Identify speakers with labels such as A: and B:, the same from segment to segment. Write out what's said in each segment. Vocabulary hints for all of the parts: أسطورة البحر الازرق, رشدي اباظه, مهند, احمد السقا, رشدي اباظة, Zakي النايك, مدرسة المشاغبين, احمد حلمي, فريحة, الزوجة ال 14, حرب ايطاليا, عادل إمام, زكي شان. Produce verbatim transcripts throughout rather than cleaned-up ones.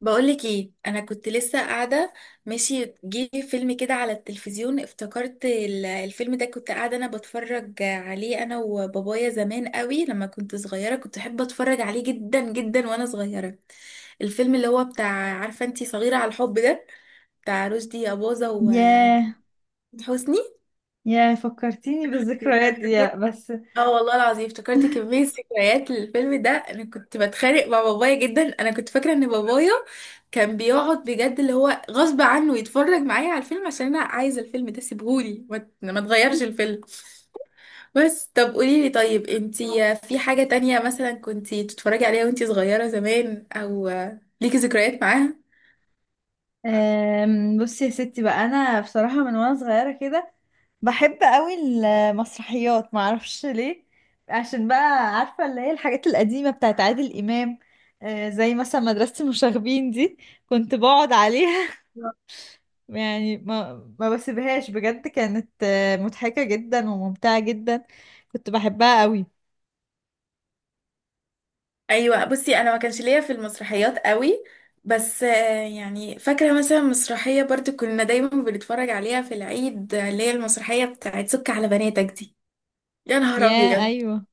A: بقولك ايه، انا كنت لسه قاعده ماشي. جه فيلم كده على التلفزيون، افتكرت ال- الفيلم ده، كنت قاعده انا بتفرج عليه انا وبابايا زمان قوي لما كنت صغيره، كنت احب اتفرج عليه جدا جدا وانا صغيره. الفيلم اللي هو بتاع، عارفه انتي، صغيره على الحب ده، بتاع رشدي اباظه
B: ياه،
A: وحسني.
B: ياه، فكرتيني بالذكريات دي يا- بس.
A: اه والله العظيم افتكرت كمية ذكريات للفيلم ده. انا كنت بتخانق مع بابايا جدا. انا كنت فاكرة ان بابايا كان بيقعد بجد، اللي هو غصب عنه يتفرج معايا على الفيلم عشان انا عايزة الفيلم ده، سيبهولي ما ما تغيرش الفيلم. بس طب قوليلي، طيب انتي في حاجة تانية مثلا كنتي تتفرجي عليها وانتي صغيرة زمان، او ليكي ذكريات معاها؟
B: آم، بصي يا ستي بقى، انا بصراحة من وانا صغيرة كده بحب قوي المسرحيات، معرفش ليه. عشان بقى عارفة اللي هي الحاجات القديمة بتاعت عادل إمام. آه، زي مثلا مدرسة المشاغبين دي، كنت بقعد عليها. يعني ما ما بسيبهاش بجد، كانت آه، مضحكة جدا وممتعة جدا، كنت بحبها قوي.
A: ايوه، بصي انا ما كانش ليا في المسرحيات قوي، بس آه، يعني فاكره مثلا مسرحيه برضو كنا دايما بنتفرج عليها في العيد، آه، اللي هي المسرحيه بتاعت سك على بناتك دي. يا نهار
B: ياه،
A: ابيض،
B: ايوه.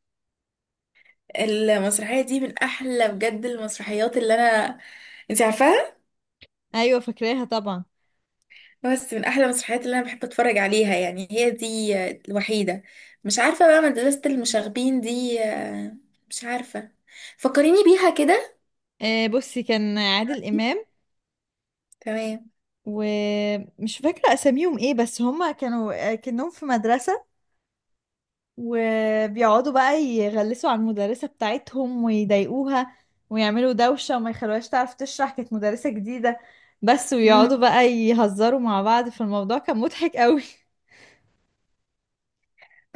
A: المسرحيه دي من احلى بجد المسرحيات اللي انا، انت عارفاها،
B: ايوه، فاكراها طبعا.
A: بس من احلى المسرحيات اللي انا بحب اتفرج عليها. يعني هي دي آه، الوحيده. مش عارفه بقى، مدرسه المشاغبين دي، آه، مش عارفه، فكريني بيها كده.
B: آه، بصي، كان عادل إمام
A: تمام.
B: ومش فاكرة أساميهم إيه، بس هما كانوا كأنهم في مدرسة، وبيقعدوا بقى يغلسوا على المدرسة بتاعتهم ويضايقوها، ويعملوا دوشة وما يخلوهاش تعرف تشرح، كانت مدرسة جديدة بس، ويقعدوا بقى يهزروا مع بعض، فالموضوع كان مضحك قوي.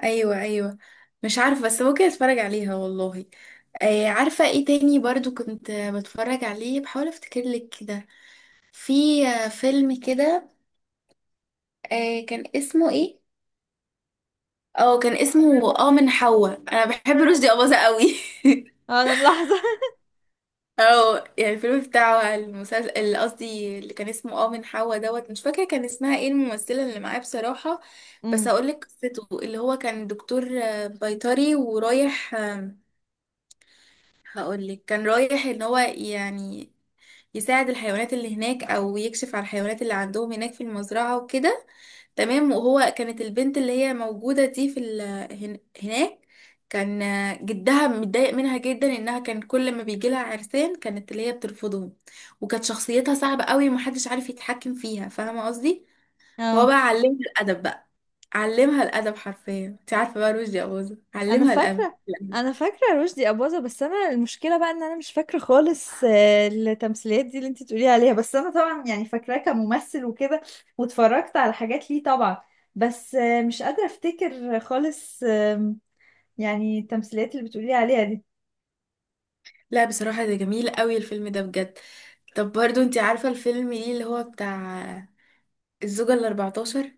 A: ايوه ايوه، مش عارفه بس ممكن اتفرج عليها والله. آه عارفه ايه تاني برضو كنت آه، بتفرج عليه، بحاول افتكر لك كده. في آه، فيلم كده، آه كان اسمه ايه؟ اه كان اسمه اه من حواء. انا بحب رشدي اباظة قوي
B: أنا ملاحظة.
A: اه يعني الفيلم بتاعه، المسلسل اللي قصدي اللي كان اسمه اه من حواء دوت. مش فاكره كان اسمها ايه الممثله اللي معاه بصراحه. بس هقول لك قصته، اللي هو كان دكتور آه، بيطري، ورايح آه، هقولك كان رايح ان هو يعني يساعد الحيوانات اللي هناك، او يكشف على الحيوانات اللي عندهم هناك في المزرعة وكده. تمام. وهو كانت البنت اللي هي موجودة دي في ال... هن... هناك، كان جدها متضايق منها جدا، انها كان كل ما بيجي لها عرسان كانت اللي هي بترفضهم، وكانت شخصيتها صعبة قوي ومحدش عارف يتحكم فيها، فاهمة قصدي؟ هو
B: امم.
A: بقى علمها الادب بقى، علمها الادب حرفيا. انت عارفة بقى، رشدي أباظة
B: انا
A: علمها الادب.
B: فاكره انا فاكره رشدي اباظه، بس انا المشكله بقى ان انا مش فاكره خالص آه، التمثيليات دي اللي انت تقولي عليها، بس انا طبعا يعني فاكراه كممثل وكده، واتفرجت على حاجات ليه طبعا. بس آه، مش قادره افتكر خالص، آم، يعني التمثيليات اللي بتقولي عليها دي.
A: لا بصراحة ده جميل قوي الفيلم ده بجد. طب برضو انت عارفة الفيلم ليه، اللي هو بتاع الزوجة الأربعتاشر؟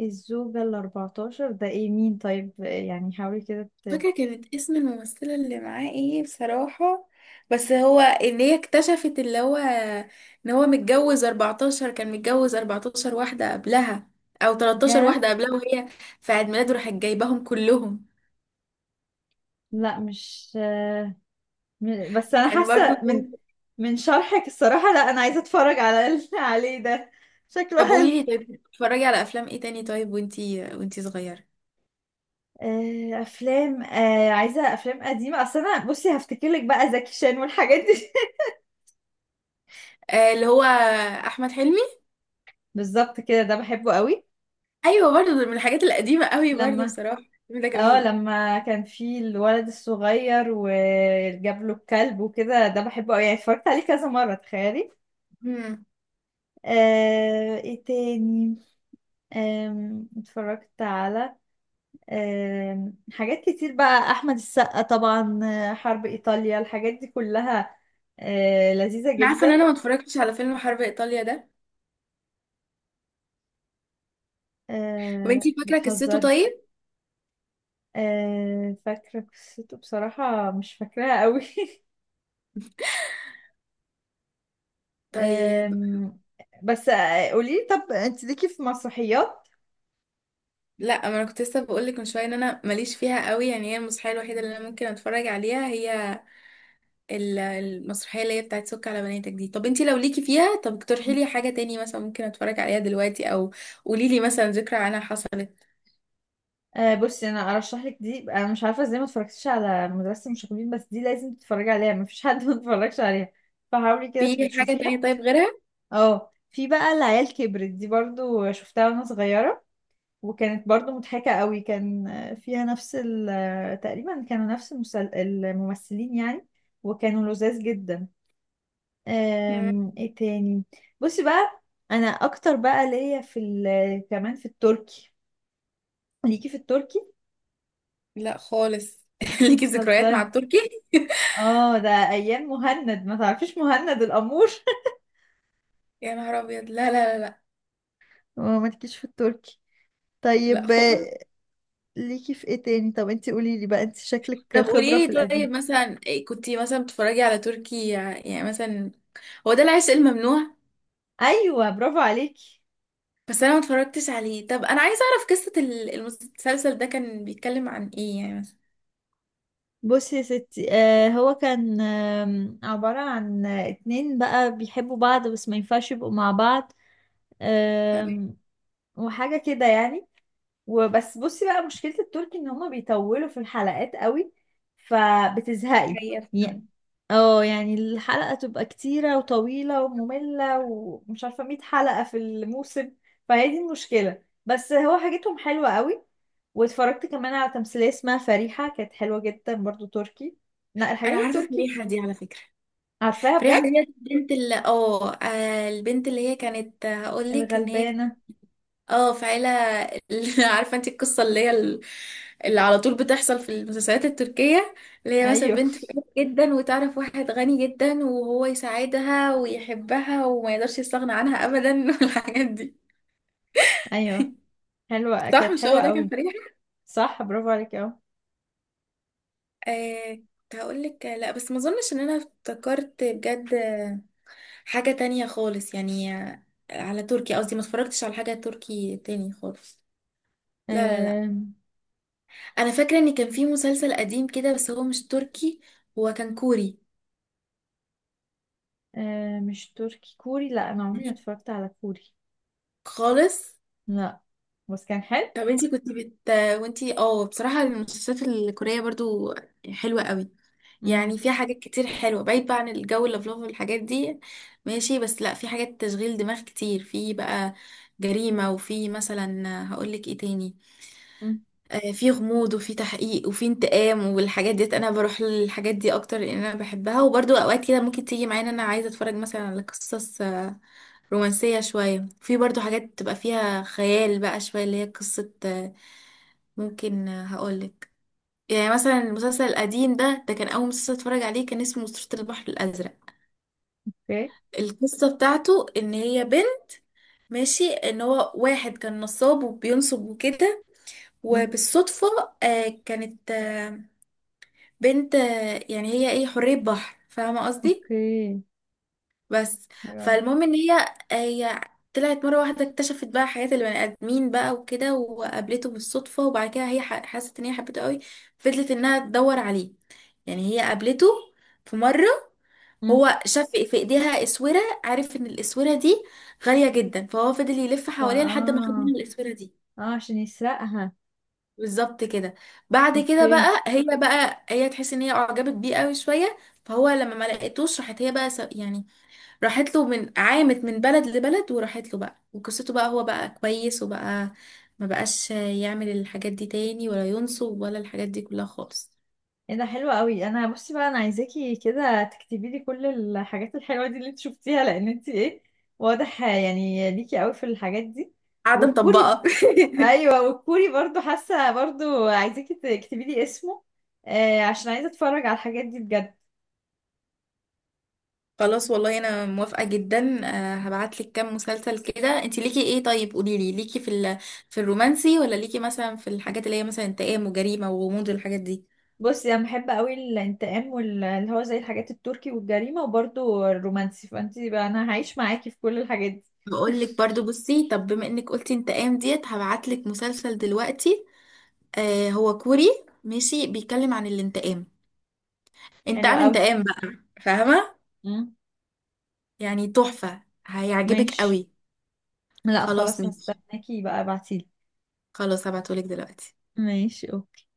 B: الزوجة ال اربعتاشر، ده ايه مين طيب؟ آه، يعني حاولي كده ت...
A: فاكرة كانت اسم الممثلة اللي معاه ايه بصراحة؟ بس هو ان هي اكتشفت اللي هو ان هو متجوز اربعتاشر، كان متجوز اربعتاشر واحدة قبلها، او تلتاشر
B: ياه.
A: واحدة قبلها، وهي في عيد ميلاده راحت جايباهم كلهم.
B: لا مش آه، م- بس انا
A: كان برضو.
B: حاسة من من شرحك الصراحة، لا انا عايزة اتفرج على ال- عليه ده، شكله
A: طب قولي
B: حلو.
A: لي، طيب بتتفرجي على افلام ايه تاني طيب، وانتي وانتي صغيرة؟
B: آه، افلام، آه، عايزه افلام قديمه، اصل انا بصي هفتكر لك بقى زكي شان والحاجات دي.
A: آه اللي هو احمد حلمي.
B: بالظبط كده، ده بحبه قوي.
A: ايوه برضو، ده من الحاجات القديمة قوي برضو
B: لما
A: بصراحة. الفيلم ده
B: اه
A: جميل.
B: لما كان في الولد الصغير وجاب له الكلب وكده، ده بحبه قوي، يعني اتفرجت عليه كذا مره تخيلي. آه، ايه تاني؟ آم، اتفرجت على آم، حاجات كتير بقى، احمد السقا طبعا، آه، حرب ايطاليا، الحاجات دي كلها آه، لذيذه
A: عارفه ان انا
B: جدا.
A: ما اتفرجتش على فيلم حرب ايطاليا ده. طب
B: آه،
A: انتي فاكره قصته
B: بتهزري؟
A: طيب؟
B: آه، فاكرة قصته، بصراحة مش فاكراها قوي.
A: طيب.
B: آم، بس آه، قوليلي، طب انت ليكي في مسرحيات؟
A: لا ما انا كنت لسه بقول لك من شويه ان انا ماليش فيها قوي. يعني هي المسرحيه الوحيده اللي انا ممكن اتفرج عليها هي ال- المسرحيه اللي هي بتاعت سك على بناتك دي. طب انتي لو ليكي فيها طب اقترحي لي حاجه تاني مثلا ممكن اتفرج عليها دلوقتي، او قولي لي مثلا ذكرى عنها حصلت.
B: آه، بصي، انا ارشح لك دي، انا مش عارفه ازاي ما اتفرجتيش على مدرسه المشاغبين، بس دي لازم تتفرجي عليها، مفيش حد ما اتفرجش عليها، فحاولي كده تبقي
A: في حاجه تانية
B: تشوفيها.
A: طيب غيرها؟
B: اه، في بقى العيال كبرت دي برضو شفتها وانا صغيره، وكانت برضو مضحكه قوي، كان آه، فيها نفس ال- آه، تقريبا كانوا نفس المسل- الممثلين يعني، وكانوا لذاذ جدا.
A: مم،
B: أم، ايه تاني؟ بصي بقى، انا اكتر بقى ليا في ال- كمان في التركي، ليكي في التركي؟
A: لا خالص ليكي ذكريات مع
B: بتهزري؟
A: التركي؟
B: اه، ده ايام مهند، ما تعرفيش مهند الامور.
A: يا نهار ابيض، لا لا لا لا.
B: اه ما ليكيش في التركي،
A: لا
B: طيب
A: خالص.
B: آه، ليكي في ايه تاني؟ طب انتي قولي لي بقى، انتي شكلك
A: طب
B: خبرة
A: قولي
B: في
A: لي، طيب
B: القديم.
A: مثلا كنتي مثلا بتتفرجي على تركي يعني مثلا؟ هو ده العشق الممنوع.
B: ايوه برافو عليكي.
A: بس انا ما اتفرجتش عليه. طب انا عايزه اعرف قصه ال- المسلسل ده كان بيتكلم عن ايه يعني مثلا.
B: بصي يا ستي، آه هو كان آم، عبارة عن آه، اتنين بقى بيحبوا بعض بس ما ينفعش يبقوا مع بعض،
A: طب
B: آم، وحاجة كده يعني. وبس بصي بقى، مشكلة التركي ان هما بيطولوا في الحلقات قوي، فبتزهقي.
A: هي
B: يع-
A: في.
B: اه يعني الحلقة تبقى كتيرة وطويلة ومملة ومش عارفة، ميه حلقة في الموسم، فهي دي المشكلة، بس هو حاجتهم حلوة قوي، واتفرجت كمان على تمثيلية اسمها فريحة، كانت حلوة جدا برضو تركي. لا
A: انا
B: الحاجات
A: عارفه
B: التركي.
A: فريحه دي على فكره.
B: عارفاها
A: فريحه
B: بجد.
A: دي البنت اللي اه آه، البنت اللي هي كانت هقول لك ان هي،
B: الغلبانة.
A: اه في عيلة اللي- عارفة انت القصة، اللي هي ال- اللي على طول بتحصل في المسلسلات التركية، اللي هي مثلا
B: ايوه.
A: بنت فقيرة جدا وتعرف واحد غني جدا وهو يساعدها ويحبها وما يقدرش يستغنى عنها ابدا والحاجات دي.
B: ايوه. حلوة،
A: صح
B: كانت
A: مش هو
B: حلوة
A: ده كان
B: قوي.
A: فريحة؟
B: صح، برافو عليك.
A: آه كنت هقول لك لا، بس ما اظنش ان انا افتكرت بجد حاجة تانية خالص يعني على تركي قصدي. ما اتفرجتش على حاجة تركي تاني خالص. لا لا لا.
B: اهو.
A: انا فاكره ان كان في مسلسل قديم كده بس هو مش تركي، هو كان كوري.
B: آه مش تركي، كوري؟ لا انا عمري ما
A: غريب
B: اتفرجت على كوري.
A: خالص.
B: لا، بس كان حلو.
A: طب انتي كنت بت وانتي، اه بصراحه المسلسلات الكوريه برضو حلوه قوي.
B: امم.
A: يعني فيها حاجات كتير حلوه، بعيد بقى عن الجو اللفلوف والحاجات دي، ماشي؟ بس لا، في حاجات تشغيل دماغ كتير، في بقى جريمه، وفي مثلا هقولك ايه تاني،
B: امم.
A: آه، في غموض، وفي تحقيق، وفي انتقام والحاجات ديت. انا بروح للحاجات دي اكتر لان انا بحبها. وبرضو اوقات كده ممكن تيجي معايا ان انا عايزه اتفرج مثلا على قصص آه، رومانسيه شويه. في برضو حاجات بتبقى فيها خيال بقى شويه، اللي هي قصه آه، ممكن آه، هقولك، يعني مثلا المسلسل القديم ده ده كان اول مسلسل اتفرج عليه، كان اسمه أسطورة البحر الازرق.
B: اوكي.
A: القصه بتاعته ان هي بنت، ماشي، ان هو واحد كان نصاب وبينصب وكده،
B: امم.
A: وبالصدفه آه، كانت آه، بنت، آه، يعني هي ايه، حرية بحر، فاهمة قصدي؟
B: اوكي.
A: بس.
B: حلو أوي.
A: فالمهم ان هي هي طلعت مرة واحدة، اكتشفت بقى حياة البني آدمين بقى وكده، وقابلته بالصدفة، وبعد كده هي ح- حست ان هي حبته قوي، فضلت انها تدور عليه. يعني هي قابلته في مرة،
B: امم.
A: هو شاف في ايديها اسورة، عارف ان الاسورة دي غالية جدا، فهو فضل يلف
B: فا
A: حواليها لحد ما خد
B: اه
A: منها الاسورة دي.
B: اه عشان يسرقها.
A: بالظبط كده. بعد كده
B: اوكي.
A: بقى هي بقى هي تحس ان هي اعجبت بيه قوي شويه، فهو لما ما لقيتوش، راحت هي بقى س- يعني راحت له، من عامت من بلد لبلد، وراحت له بقى، وقصته بقى هو بقى كويس، وبقى ما بقاش يعمل الحاجات دي تاني، ولا ينصب، ولا الحاجات دي كلها خالص.
B: ايه ده حلو قوي، انا بصي بقى انا عايزاكي كده تكتبي لي كل الحاجات الحلوه دي اللي انت شفتيها، لان انت ايه، واضح يعني ليكي قوي في الحاجات دي.
A: قاعده
B: والكوري،
A: مطبقه
B: ايوه، والكوري برضو حاسه برضو عايزاكي تكتبي لي اسمه، آه عشان عايزه اتفرج على الحاجات دي بجد.
A: خلاص والله انا موافقه جدا. آه، هبعتلك كام مسلسل كده. انت ليكي ايه طيب؟ قوليلي، ليكي في ال... في الرومانسي، ولا ليكي مثلا في الحاجات اللي هي مثلا انتقام وجريمه وغموض والحاجات دي؟
B: بصي انا بحب قوي الانتقام، واللي هو زي الحاجات التركي والجريمه، وبرده الرومانسي، فانتي بقى انا هعيش معاكي في كل الحاجات دي.
A: هقول لك برضو، بصي طب بما انك قلتي انت قام ديت، هبعت لك مسلسل دلوقتي. آه هو كوري، ماشي، بيتكلم عن الانتقام،
B: حلوه
A: انتقام
B: قوي.
A: انتقام بقى، فاهمة؟
B: مم.
A: يعني تحفة، هيعجبك
B: ماشي.
A: قوي.
B: لا
A: خلاص
B: خلاص،
A: ماشي.
B: هستناكي بقى ابعتيلي.
A: خلاص هبعته لك دلوقتي.
B: ماشي اوكي.